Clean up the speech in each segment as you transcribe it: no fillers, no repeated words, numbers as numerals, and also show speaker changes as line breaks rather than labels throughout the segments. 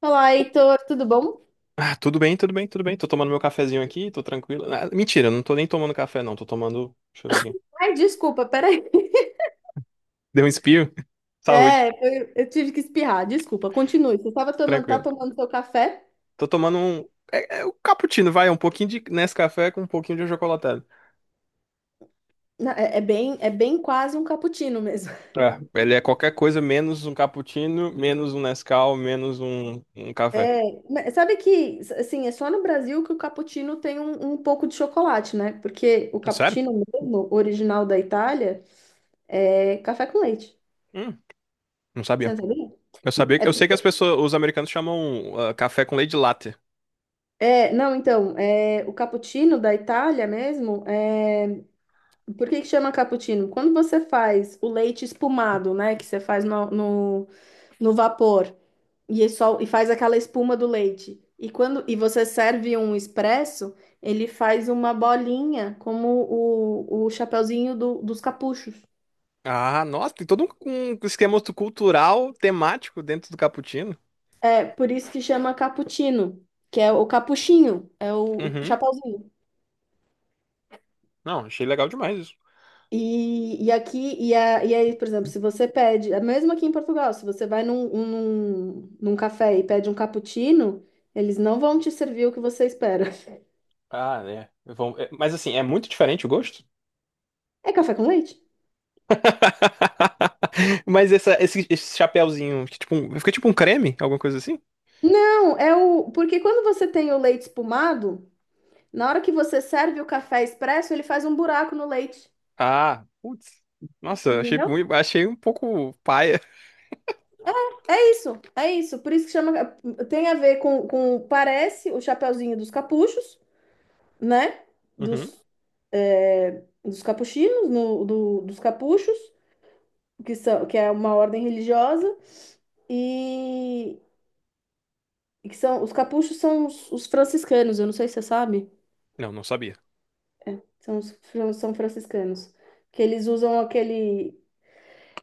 Olá, Heitor, tudo bom?
Ah, tudo bem, tudo bem, tudo bem. Tô tomando meu cafezinho aqui, tô tranquilo. Ah, mentira, não tô nem tomando café, não. Tô tomando. Deixa eu ver aqui.
Ai, desculpa, peraí.
Deu um espirro. Saúde.
É, eu tive que espirrar, desculpa, continue. Você estava tomando, tá
Tranquilo.
tomando seu café?
Tô tomando um. É o cappuccino, vai. Um pouquinho de Nescafé com um pouquinho de achocolatado.
É, é bem quase um cappuccino mesmo.
É, ele é qualquer coisa menos um cappuccino, menos um Nescau, menos um café.
É, mas sabe que, assim, é só no Brasil que o cappuccino tem um pouco de chocolate, né? Porque o
Sério?
cappuccino mesmo, original da Itália, é café com leite.
Hum, não
Você
sabia.
não sabia?
Eu sabia. Eu sei que as pessoas, os americanos chamam café com leite latte.
É, não, então, é, o cappuccino da Itália mesmo, é. Por que que chama cappuccino? Quando você faz o leite espumado, né? Que você faz no vapor e, é só, e faz aquela espuma do leite. E quando e você serve um expresso, ele faz uma bolinha como o chapeuzinho dos capuchos.
Ah, nossa, tem todo um esquema cultural, temático dentro do cappuccino.
É por isso que chama cappuccino, que é o capuchinho, é o
Uhum.
chapeuzinho.
Não, achei legal demais isso.
E aqui, e aí, por exemplo, se você pede, é mesmo aqui em Portugal, se você vai num café e pede um cappuccino, eles não vão te servir o que você espera.
Ah, né? Mas assim, é muito diferente o gosto?
É café com leite?
Mas esse chapéuzinho, que tipo, fica tipo um creme, alguma coisa assim?
Não, é o. Porque quando você tem o leite espumado, na hora que você serve o café expresso, ele faz um buraco no leite.
Ah, putz. Nossa, achei
Entendeu?
muito, achei um pouco paia.
É isso, é isso. Por isso que chama. Tem a ver com parece o chapeuzinho dos capuchos, né?
Uhum.
Dos, dos capuchinos, no, do- dos capuchos. Que é uma ordem religiosa, e, e que são, os capuchos são os franciscanos, eu não sei se você sabe,
Não, não sabia.
são franciscanos, que eles usam aquele,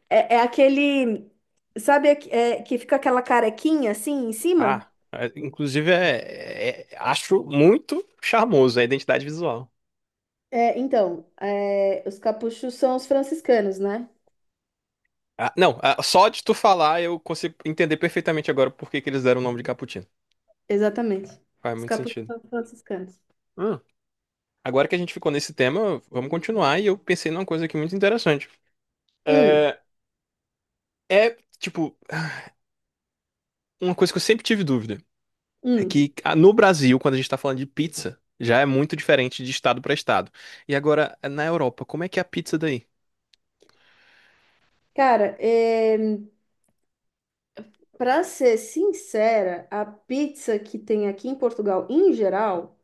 é aquele, sabe, que fica aquela carequinha assim em cima?
Ah, é, inclusive acho muito charmoso a identidade visual.
É, então, os capuchos são os franciscanos, né?
Ah, não, só de tu falar eu consigo entender perfeitamente agora por que que eles deram o nome de Cappuccino.
Exatamente.
Faz
Os
muito
capuchos
sentido.
são os franciscanos.
Agora que a gente ficou nesse tema, vamos continuar. E eu pensei numa coisa aqui muito interessante.
Hum,
É, é, tipo, uma coisa que eu sempre tive dúvida. É
hum.
que no Brasil, quando a gente tá falando de pizza, já é muito diferente de estado pra estado. E agora, na Europa, como é que é a pizza daí?
Cara, para ser sincera, a pizza que tem aqui em Portugal, em geral,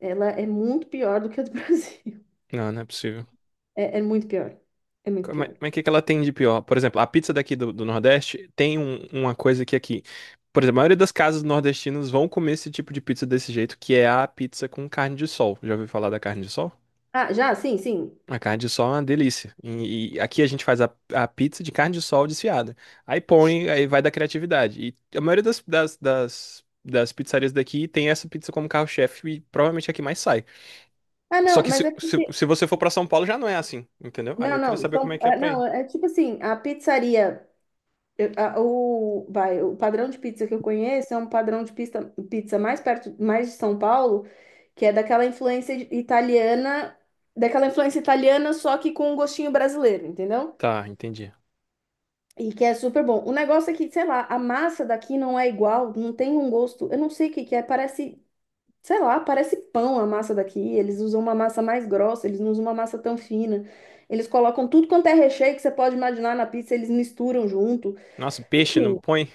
ela é muito pior do que a do Brasil.
Não, não é possível.
É muito pior. É muito
Como é,
pior.
como é que é que ela tem de pior? Por exemplo, a pizza daqui do Nordeste tem uma coisa que aqui. Por exemplo, a maioria das casas nordestinas vão comer esse tipo de pizza desse jeito, que é a pizza com carne de sol. Já ouviu falar da carne de sol?
Ah, já? Sim, sim.
A carne de sol é uma delícia. E aqui a gente faz a pizza de carne de sol desfiada. Aí põe, aí vai da criatividade. E a maioria das pizzarias daqui tem essa pizza como carro-chefe e provavelmente é a que mais sai.
Ah,
Só
não,
que
mas
se,
é
se,
porque.
se você for pra São Paulo já não é assim, entendeu? Aí
Não,
eu queria
não.
saber como é
São,
que é
ah,
pra aí.
não, é tipo assim, a pizzaria. O, vai, o padrão de pizza que eu conheço é um padrão de pizza mais perto, mais de São Paulo, que é daquela influência italiana, só que com um gostinho brasileiro, entendeu?
Tá, entendi.
E que é super bom. O negócio é que, sei lá, a massa daqui não é igual, não tem um gosto. Eu não sei o que que é, parece, sei lá, parece pão a massa daqui. Eles usam uma massa mais grossa, eles não usam uma massa tão fina. Eles colocam tudo quanto é recheio que você pode imaginar na pizza, eles misturam junto.
Nossa, peixe não
Enfim,
põe?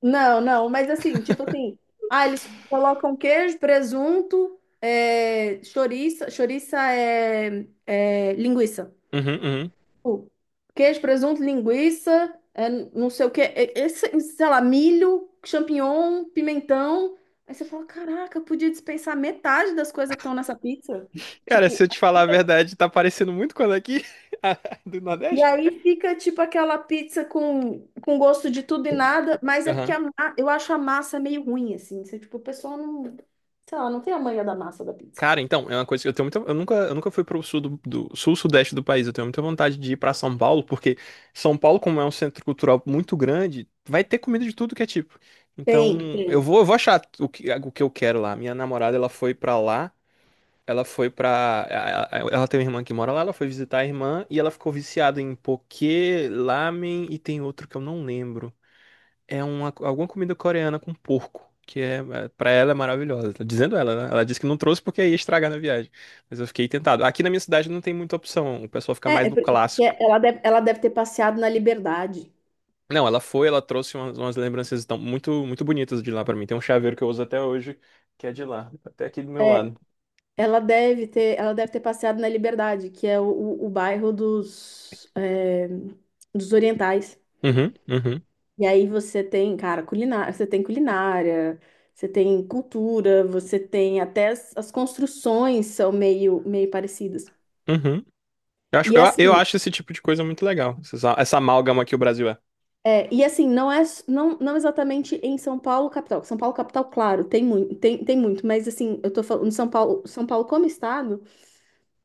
não, não, mas assim, tipo assim, ah, eles colocam queijo, presunto, é, chouriça, chouriça é linguiça.
Uhum, uhum.
Tipo, queijo, presunto, linguiça, é, não sei o que, esse, sei lá, milho, champignon, pimentão. Aí você fala, caraca, eu podia dispensar metade das coisas que estão nessa pizza.
Cara, se
Tipo,
eu te falar a verdade, tá parecendo muito quando aqui a do
e
Nordeste.
aí fica tipo aquela pizza com gosto de tudo e nada, mas é porque
Aham.
eu acho a massa meio ruim, assim. Você, tipo, o pessoal não, sei lá, não tem a manha da massa da pizza.
Cara, então, é uma coisa que eu tenho muita. Eu nunca fui pro sul sul sudeste do país. Eu tenho muita vontade de ir pra São Paulo, porque São Paulo, como é um centro cultural muito grande, vai ter comida de tudo que é tipo.
Tem,
Então, eu
tem.
vou, eu vou achar o que eu quero lá. Minha namorada, ela foi pra lá. Ela foi pra. A- Ela tem uma irmã que mora lá, ela foi visitar a irmã e ela ficou viciada em poké, lamen e tem outro que eu não lembro. É alguma comida coreana com porco, que pra ela é maravilhosa. Tá dizendo ela, né? Ela disse que não trouxe porque ia estragar na viagem. Mas eu fiquei tentado. Aqui na minha cidade não tem muita opção, o pessoal fica
É,
mais
é
no
porque
clássico.
ela deve ter passeado na Liberdade.
Não, ela trouxe umas lembranças tão, muito, muito bonitas de lá pra mim. Tem um chaveiro que eu uso até hoje, que é de lá, até aqui do meu
É,
lado.
ela deve ter passeado na Liberdade, que é o bairro dos orientais.
Uhum, uhum,
E aí você tem, cara, culinária, você tem cultura, você tem até as construções são meio, meio parecidas.
uhum. Eu acho,
E
eu, a- eu
assim,
acho esse tipo de coisa muito legal, essa amálgama que o Brasil é.
e assim, não, não exatamente em São Paulo capital. São Paulo capital, claro, tem muito, mas assim, eu tô falando São Paulo, São Paulo como estado.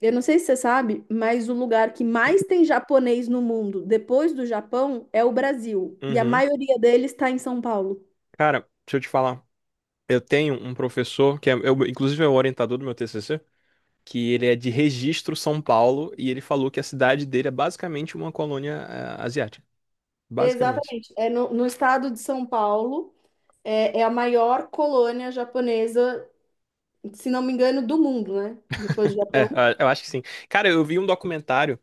Eu não sei se você sabe, mas o lugar que mais tem japonês no mundo, depois do Japão, é o Brasil. E a
Uhum.
maioria deles está em São Paulo.
Cara, deixa eu te falar. Eu tenho um professor inclusive é o orientador do meu TCC, que ele é de Registro, São Paulo, e ele falou que a cidade dele é basicamente uma colônia asiática. Basicamente.
Exatamente. É no estado de São Paulo, é a maior colônia japonesa, se não me engano, do mundo, né? Depois do
É,
Japão.
eu acho que sim. Cara, eu vi um documentário,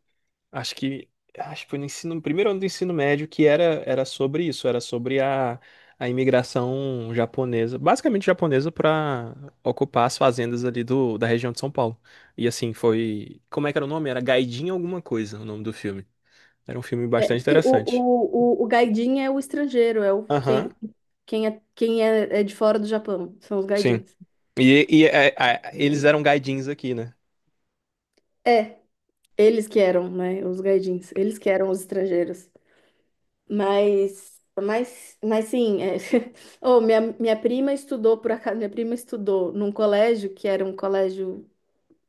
acho que acho que foi no primeiro ano do ensino médio, que era sobre isso, era sobre a imigração japonesa, basicamente japonesa, para ocupar as fazendas ali da região de São Paulo. E assim, foi. Como é que era o nome? Era Gaidin alguma coisa, o nome do filme. Era um filme
É,
bastante
porque o,
interessante.
o, o, o gaidin é o estrangeiro, é o
Aham,
quem, quem é, é de fora do Japão, são os
sim.
gaidins.
Eles eram gaidins aqui, né?
É, eles que eram, né? Os gaidins, eles que eram os estrangeiros. Mas sim, é. Oh, minha prima estudou, por acaso, minha prima estudou num colégio que era um colégio.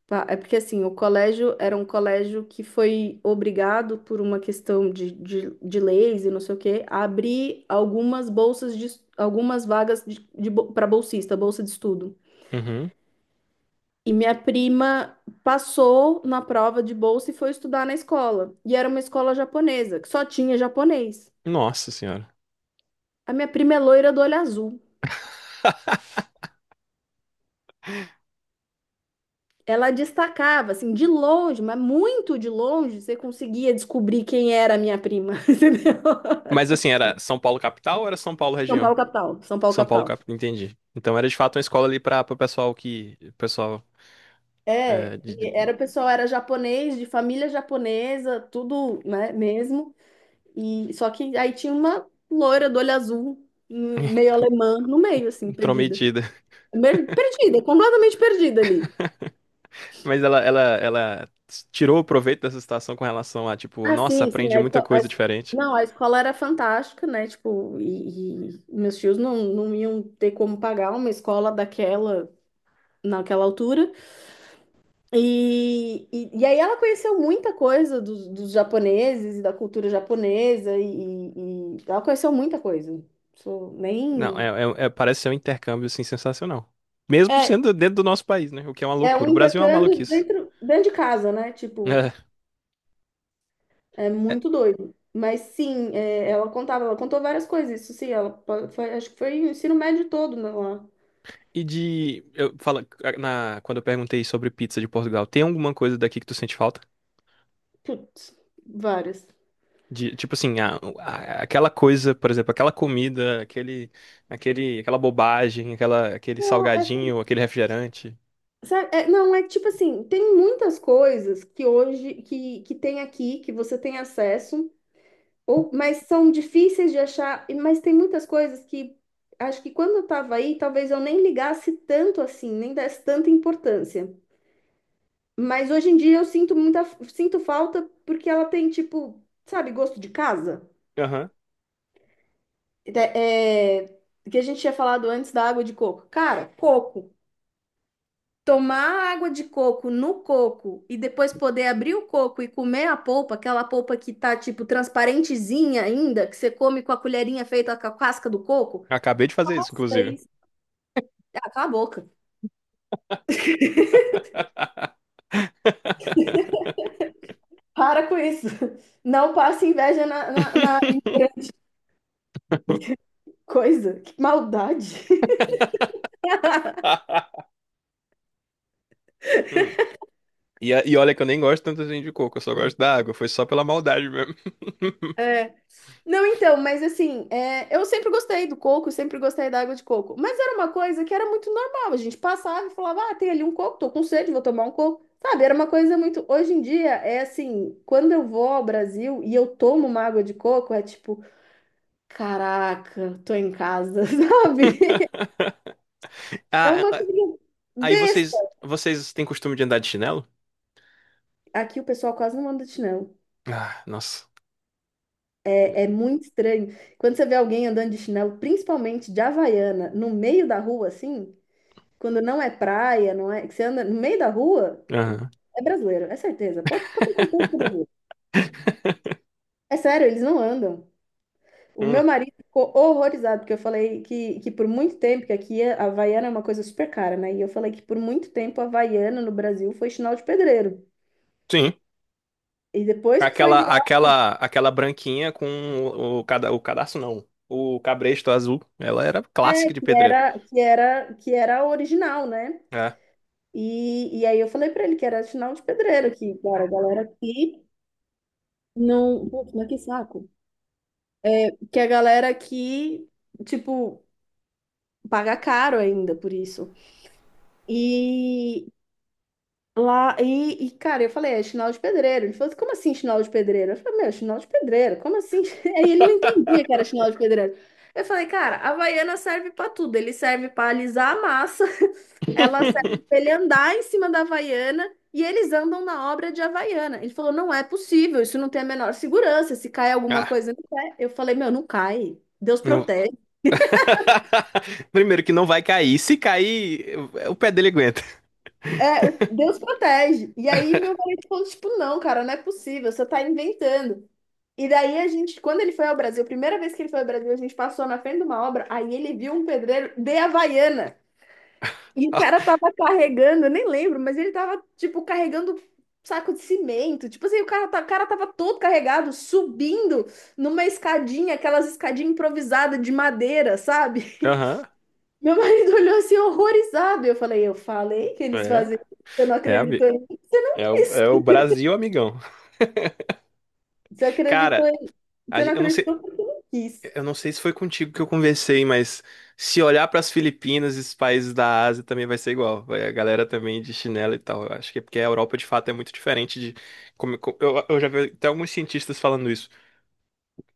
É porque assim, o colégio era um colégio que foi obrigado por uma questão de leis e não sei o quê, a abrir algumas bolsas de, algumas vagas de, para bolsista, bolsa de estudo.
Uhum.
E minha prima passou na prova de bolsa e foi estudar na escola. E era uma escola japonesa, que só tinha japonês.
Nossa senhora.
A minha prima é loira do olho azul. Ela destacava, assim, de longe, mas muito de longe, você conseguia descobrir quem era a minha prima, entendeu?
Mas assim, era São Paulo capital ou era São Paulo
São
região?
Paulo capital, São Paulo
São Paulo
capital.
capital, entendi. Então era de fato uma escola ali para o pessoal que. Pessoal é,
É, e era o pessoal, era japonês, de família japonesa, tudo, né, mesmo. E só que aí tinha uma loira do olho azul, meio alemã, no meio, assim, perdida.
intrometido.
Perdida, completamente perdida ali.
Mas ela tirou o proveito dessa situação com relação a, tipo,
Ah,
nossa,
sim, sim.
aprendi
A
muita
esco- a
coisa
es-
diferente.
Não, a escola era fantástica, né? Tipo, e meus tios não, não iam ter como pagar uma escola daquela, naquela altura. E aí ela conheceu muita coisa dos japoneses e da cultura japonesa, e ela conheceu muita coisa. Isso
Não,
nem.
parece ser um intercâmbio, assim, sensacional. Mesmo
É,
sendo dentro do nosso país, né? O que é uma
é um
loucura. O Brasil é uma
intercâmbio
maluquice.
dentro de casa, né? Tipo.
É.
É muito doido. Mas sim, é, ela contou várias coisas, isso sim, foi, acho que foi o ensino médio todo né, lá.
E de. Eu falo, quando eu perguntei sobre pizza de Portugal, tem alguma coisa daqui que tu sente falta?
Putz, várias.
De, tipo assim, aquela coisa, por exemplo, aquela comida, aquele, aquela bobagem, aquele
Não, é assim,
salgadinho, aquele refrigerante.
sabe, é, não, é tipo assim, tem muitas coisas que hoje, que tem aqui, que você tem acesso, ou, mas são difíceis de achar, mas tem muitas coisas que acho que quando eu tava aí, talvez eu nem ligasse tanto assim, nem desse tanta importância. Mas hoje em dia eu sinto falta porque ela tem, tipo, sabe, gosto de casa.
Aham.
É, que a gente tinha falado antes da água de coco. Cara, coco. Tomar água de coco no coco e depois poder abrir o coco e comer a polpa, aquela polpa que tá, tipo, transparentezinha ainda, que você come com a colherinha feita com a casca do coco.
Acabei de fazer isso,
Nossa,
inclusive.
isso. Ah, cala a boca. Para com isso. Não passe inveja na coisa. Que maldade.
Hum. E olha que eu nem gosto tanto assim de coco, eu só gosto da água, foi só pela maldade mesmo.
Não, então, mas assim, é, eu sempre gostei do coco, sempre gostei da água de coco. Mas era uma coisa que era muito normal. A gente passava e falava, ah, tem ali um coco, tô com sede, vou tomar um coco. Sabe, era uma coisa muito. Hoje em dia, é assim, quando eu vou ao Brasil e eu tomo uma água de coco, é tipo, caraca, tô em casa, sabe? É
Ah,
uma
ah,
coisa
aí
besta.
vocês têm costume de andar de chinelo?
Aqui o pessoal quase não anda de chinelo.
Ah, nossa.
É muito estranho. Quando você vê alguém andando de chinelo, principalmente de Havaiana, no meio da rua, assim, quando não é praia, não é, que você anda no meio da rua,
Aham.
é brasileiro, é certeza. Pode ter certeza que é brasileiro. É sério, eles não andam. O meu
Hum,
marido ficou horrorizado, porque eu falei que por muito tempo, que aqui a Havaiana é uma coisa super cara, né? E eu falei que por muito tempo a Havaiana no Brasil foi sinal de pedreiro.
sim.
E depois que foi
Aquela,
virar,
aquela, aquela branquinha com o cadarço, não. O cabresto azul. Ela era
é,
clássica de
que
pedreiro.
era, que era, que era a original, né?
É.
E aí eu falei pra ele que era sinal de pedreiro, que, cara, a galera aqui não. Putz, mas que saco. Que a galera aqui, tipo, paga caro ainda por isso. E lá, cara, eu falei, é chinelo de pedreiro. Ele falou, assim, como assim chinelo de pedreiro? Eu falei, meu, chinelo de pedreiro, como assim? Aí ele não entendia que era chinelo de pedreiro. Eu falei, cara, a Havaiana serve pra tudo. Ele serve pra alisar a massa, ela serve pra ele andar em cima da Havaiana. E eles andam na obra de Havaiana. Ele falou: não é possível, isso não tem a menor segurança. Se cai alguma
Ah,
coisa, não é. Eu falei: meu, não cai. Deus
não-
protege.
Primeiro que não vai cair. Se cair, o pé dele aguenta.
É, Deus protege. E aí meu marido falou, tipo, não, cara, não é possível, você tá inventando. E daí a gente, quando ele foi ao Brasil, a primeira vez que ele foi ao Brasil, a gente passou na frente de uma obra, aí ele viu um pedreiro de Havaiana. E o cara tava carregando, eu nem lembro, mas ele tava, tipo, carregando saco de cimento. Tipo assim, o cara tava todo carregado, subindo numa escadinha, aquelas escadinhas improvisadas de madeira, sabe?
Aham.
Meu marido olhou assim horrorizado. Eu falei que eles
É.
fazem isso. Você não
É,
acreditou
ami-
em mim?
é o, é o Brasil, amigão.
Você acreditou
Cara,
em, você não
eu não sei.
acreditou porque eu não quis.
Eu não sei se foi contigo que eu conversei, mas se olhar para as Filipinas e os países da Ásia também vai ser igual. Vai a galera também de chinelo e tal. Eu acho que é porque a Europa de fato é muito diferente de eu já vi até alguns cientistas falando isso.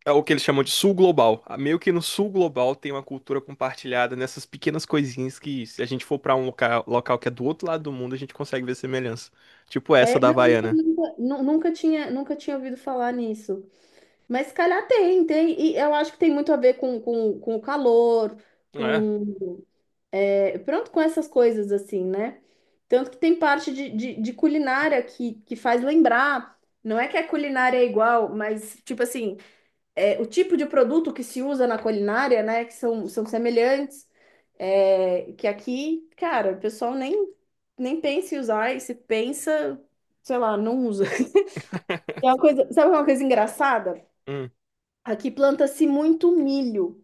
É o que eles chamam de sul global. Ah, meio que no sul global tem uma cultura compartilhada nessas pequenas coisinhas que se a gente for para um local que é do outro lado do mundo, a gente consegue ver semelhança. Tipo essa
É,
da
não,
Havaiana.
nunca tinha ouvido falar nisso. Mas se calhar tem, tem. E eu acho que tem muito a ver com o calor,
É.
com, pronto, com essas coisas assim, né? Tanto que tem parte de culinária que faz lembrar. Não é que a culinária é igual, mas tipo assim. O tipo de produto que se usa na culinária, né? Que são semelhantes. Que aqui, cara, o pessoal nem pensa em usar, e se pensa, sei lá, não usa. É uma coisa, sabe uma coisa engraçada?
Hum,
Aqui planta-se muito milho.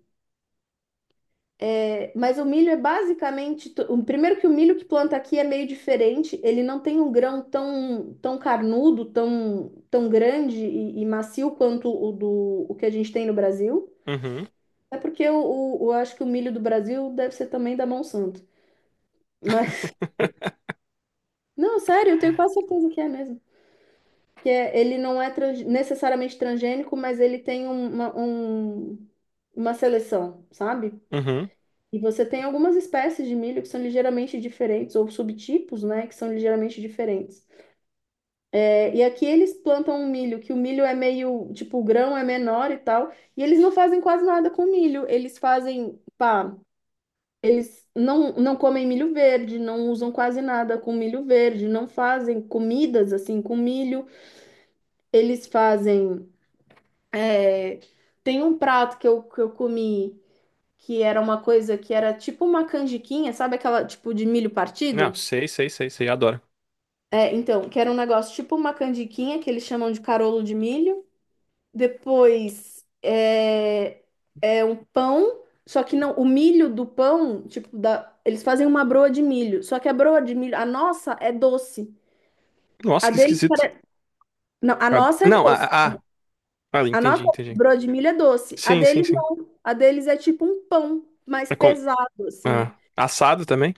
É, mas o milho é basicamente. Primeiro que o milho que planta aqui é meio diferente, ele não tem um grão tão, tão carnudo, tão, tão grande e macio quanto o que a gente tem no Brasil.
uhum,
É porque acho que o milho do Brasil deve ser também da Monsanto. Mas, não, sério, eu tenho quase certeza que é mesmo. Ele não é necessariamente transgênico, mas ele tem uma seleção, sabe?
uhum.
E você tem algumas espécies de milho que são ligeiramente diferentes, ou subtipos, né, que são ligeiramente diferentes. É, e aqui eles plantam um milho, que o milho é meio, tipo, o grão é menor e tal, e eles não fazem quase nada com milho. Eles fazem, pá. Eles não, não comem milho verde, não usam quase nada com milho verde, não fazem comidas assim com milho. Eles fazem. é, Tem um prato que eu comi que era uma coisa que era tipo uma canjiquinha, sabe aquela tipo de milho
Não,
partido?
sei, sei, sei, sei, adoro.
É, então, que era um negócio tipo uma canjiquinha que eles chamam de carolo de milho. Depois é um pão, só que não, o milho do pão, tipo, da, eles fazem uma broa de milho, só que a broa de milho, a nossa é doce.
Nossa,
A
que
deles,
esquisito.
não, a
Ah,
nossa é
não,
doce. A
entendi,
nossa
entendi.
broa de milho é doce. A
Sim, sim,
deles
sim.
não. A deles é tipo um pão mais
É como,
pesado, assim.
assado também?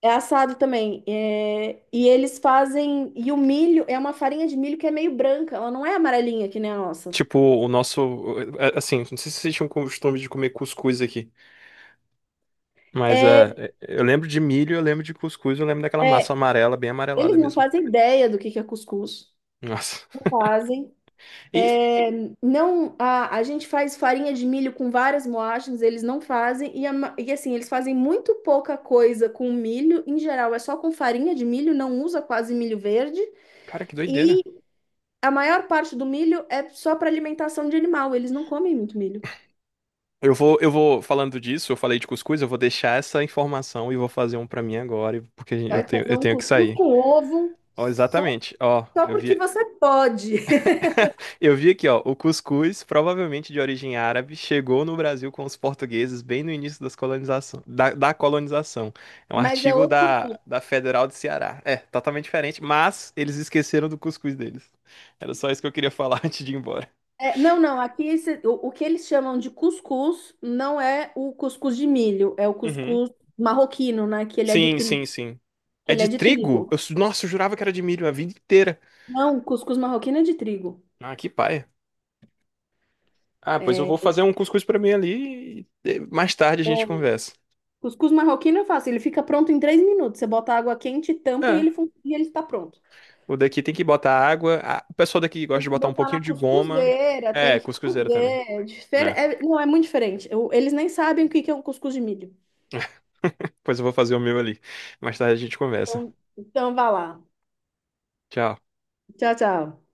É assado também. É, e eles fazem. E o milho é uma farinha de milho que é meio branca. Ela não é amarelinha que nem a nossa.
Tipo, o nosso. Assim, não sei se vocês tinham costume de comer cuscuz aqui, mas
É,
eu lembro de milho, eu lembro de cuscuz, eu lembro daquela massa
é,
amarela, bem
eles
amarelada
não
mesmo.
fazem ideia do que é cuscuz.
Nossa.
Fazem.
E,
Não, a gente faz farinha de milho com várias moagens, eles não fazem. E assim, eles fazem muito pouca coisa com milho. Em geral, é só com farinha de milho, não usa quase milho verde.
cara, que doideira.
E a maior parte do milho é só para alimentação de animal. Eles não comem muito milho.
Eu vou falando disso, eu falei de cuscuz, eu vou deixar essa informação e vou fazer um pra mim agora, porque eu
Vai
tenho,
fazer
eu
um
tenho que
cuscuz
sair.
com ovo,
Ó,
só,
exatamente. Ó,
só
eu
porque
vi.
você pode.
Eu vi aqui, ó, o cuscuz, provavelmente de origem árabe, chegou no Brasil com os portugueses bem no início da colonização. É um
Mas é
artigo
outro
da,
cuscuz.
da Federal de Ceará. É, totalmente diferente, mas eles esqueceram do cuscuz deles. Era só isso que eu queria falar antes de ir embora.
É, não, não, aqui o que eles chamam de cuscuz não é o cuscuz de milho, é o
Uhum.
cuscuz marroquino, né? Que ele é de
Sim,
trigo,
sim, sim.
que
É
ele é
de
de
trigo?
trigo.
Nossa, eu jurava que era de milho a vida inteira.
Não, cuscuz marroquino é de trigo.
Ah, que paia. Ah, pois eu
É,
vou
é,
fazer um cuscuz pra mim ali e mais tarde a gente conversa.
cuscuz marroquino é fácil, ele fica pronto em 3 minutos. Você bota água quente, tampa
É.
e ele está pronto.
O daqui tem que botar água. Ah, o pessoal daqui gosta
Tem
de
que
botar um
botar na
pouquinho de goma.
cuscuzeira, tem
É,
que
cuscuzeira também.
cozer.
É.
Não, é muito diferente. Eles nem sabem o que que é um cuscuz de milho.
Pois eu vou fazer o meu ali. Mais tarde a gente conversa.
Então vá lá.
Tchau.
Tchau, tchau.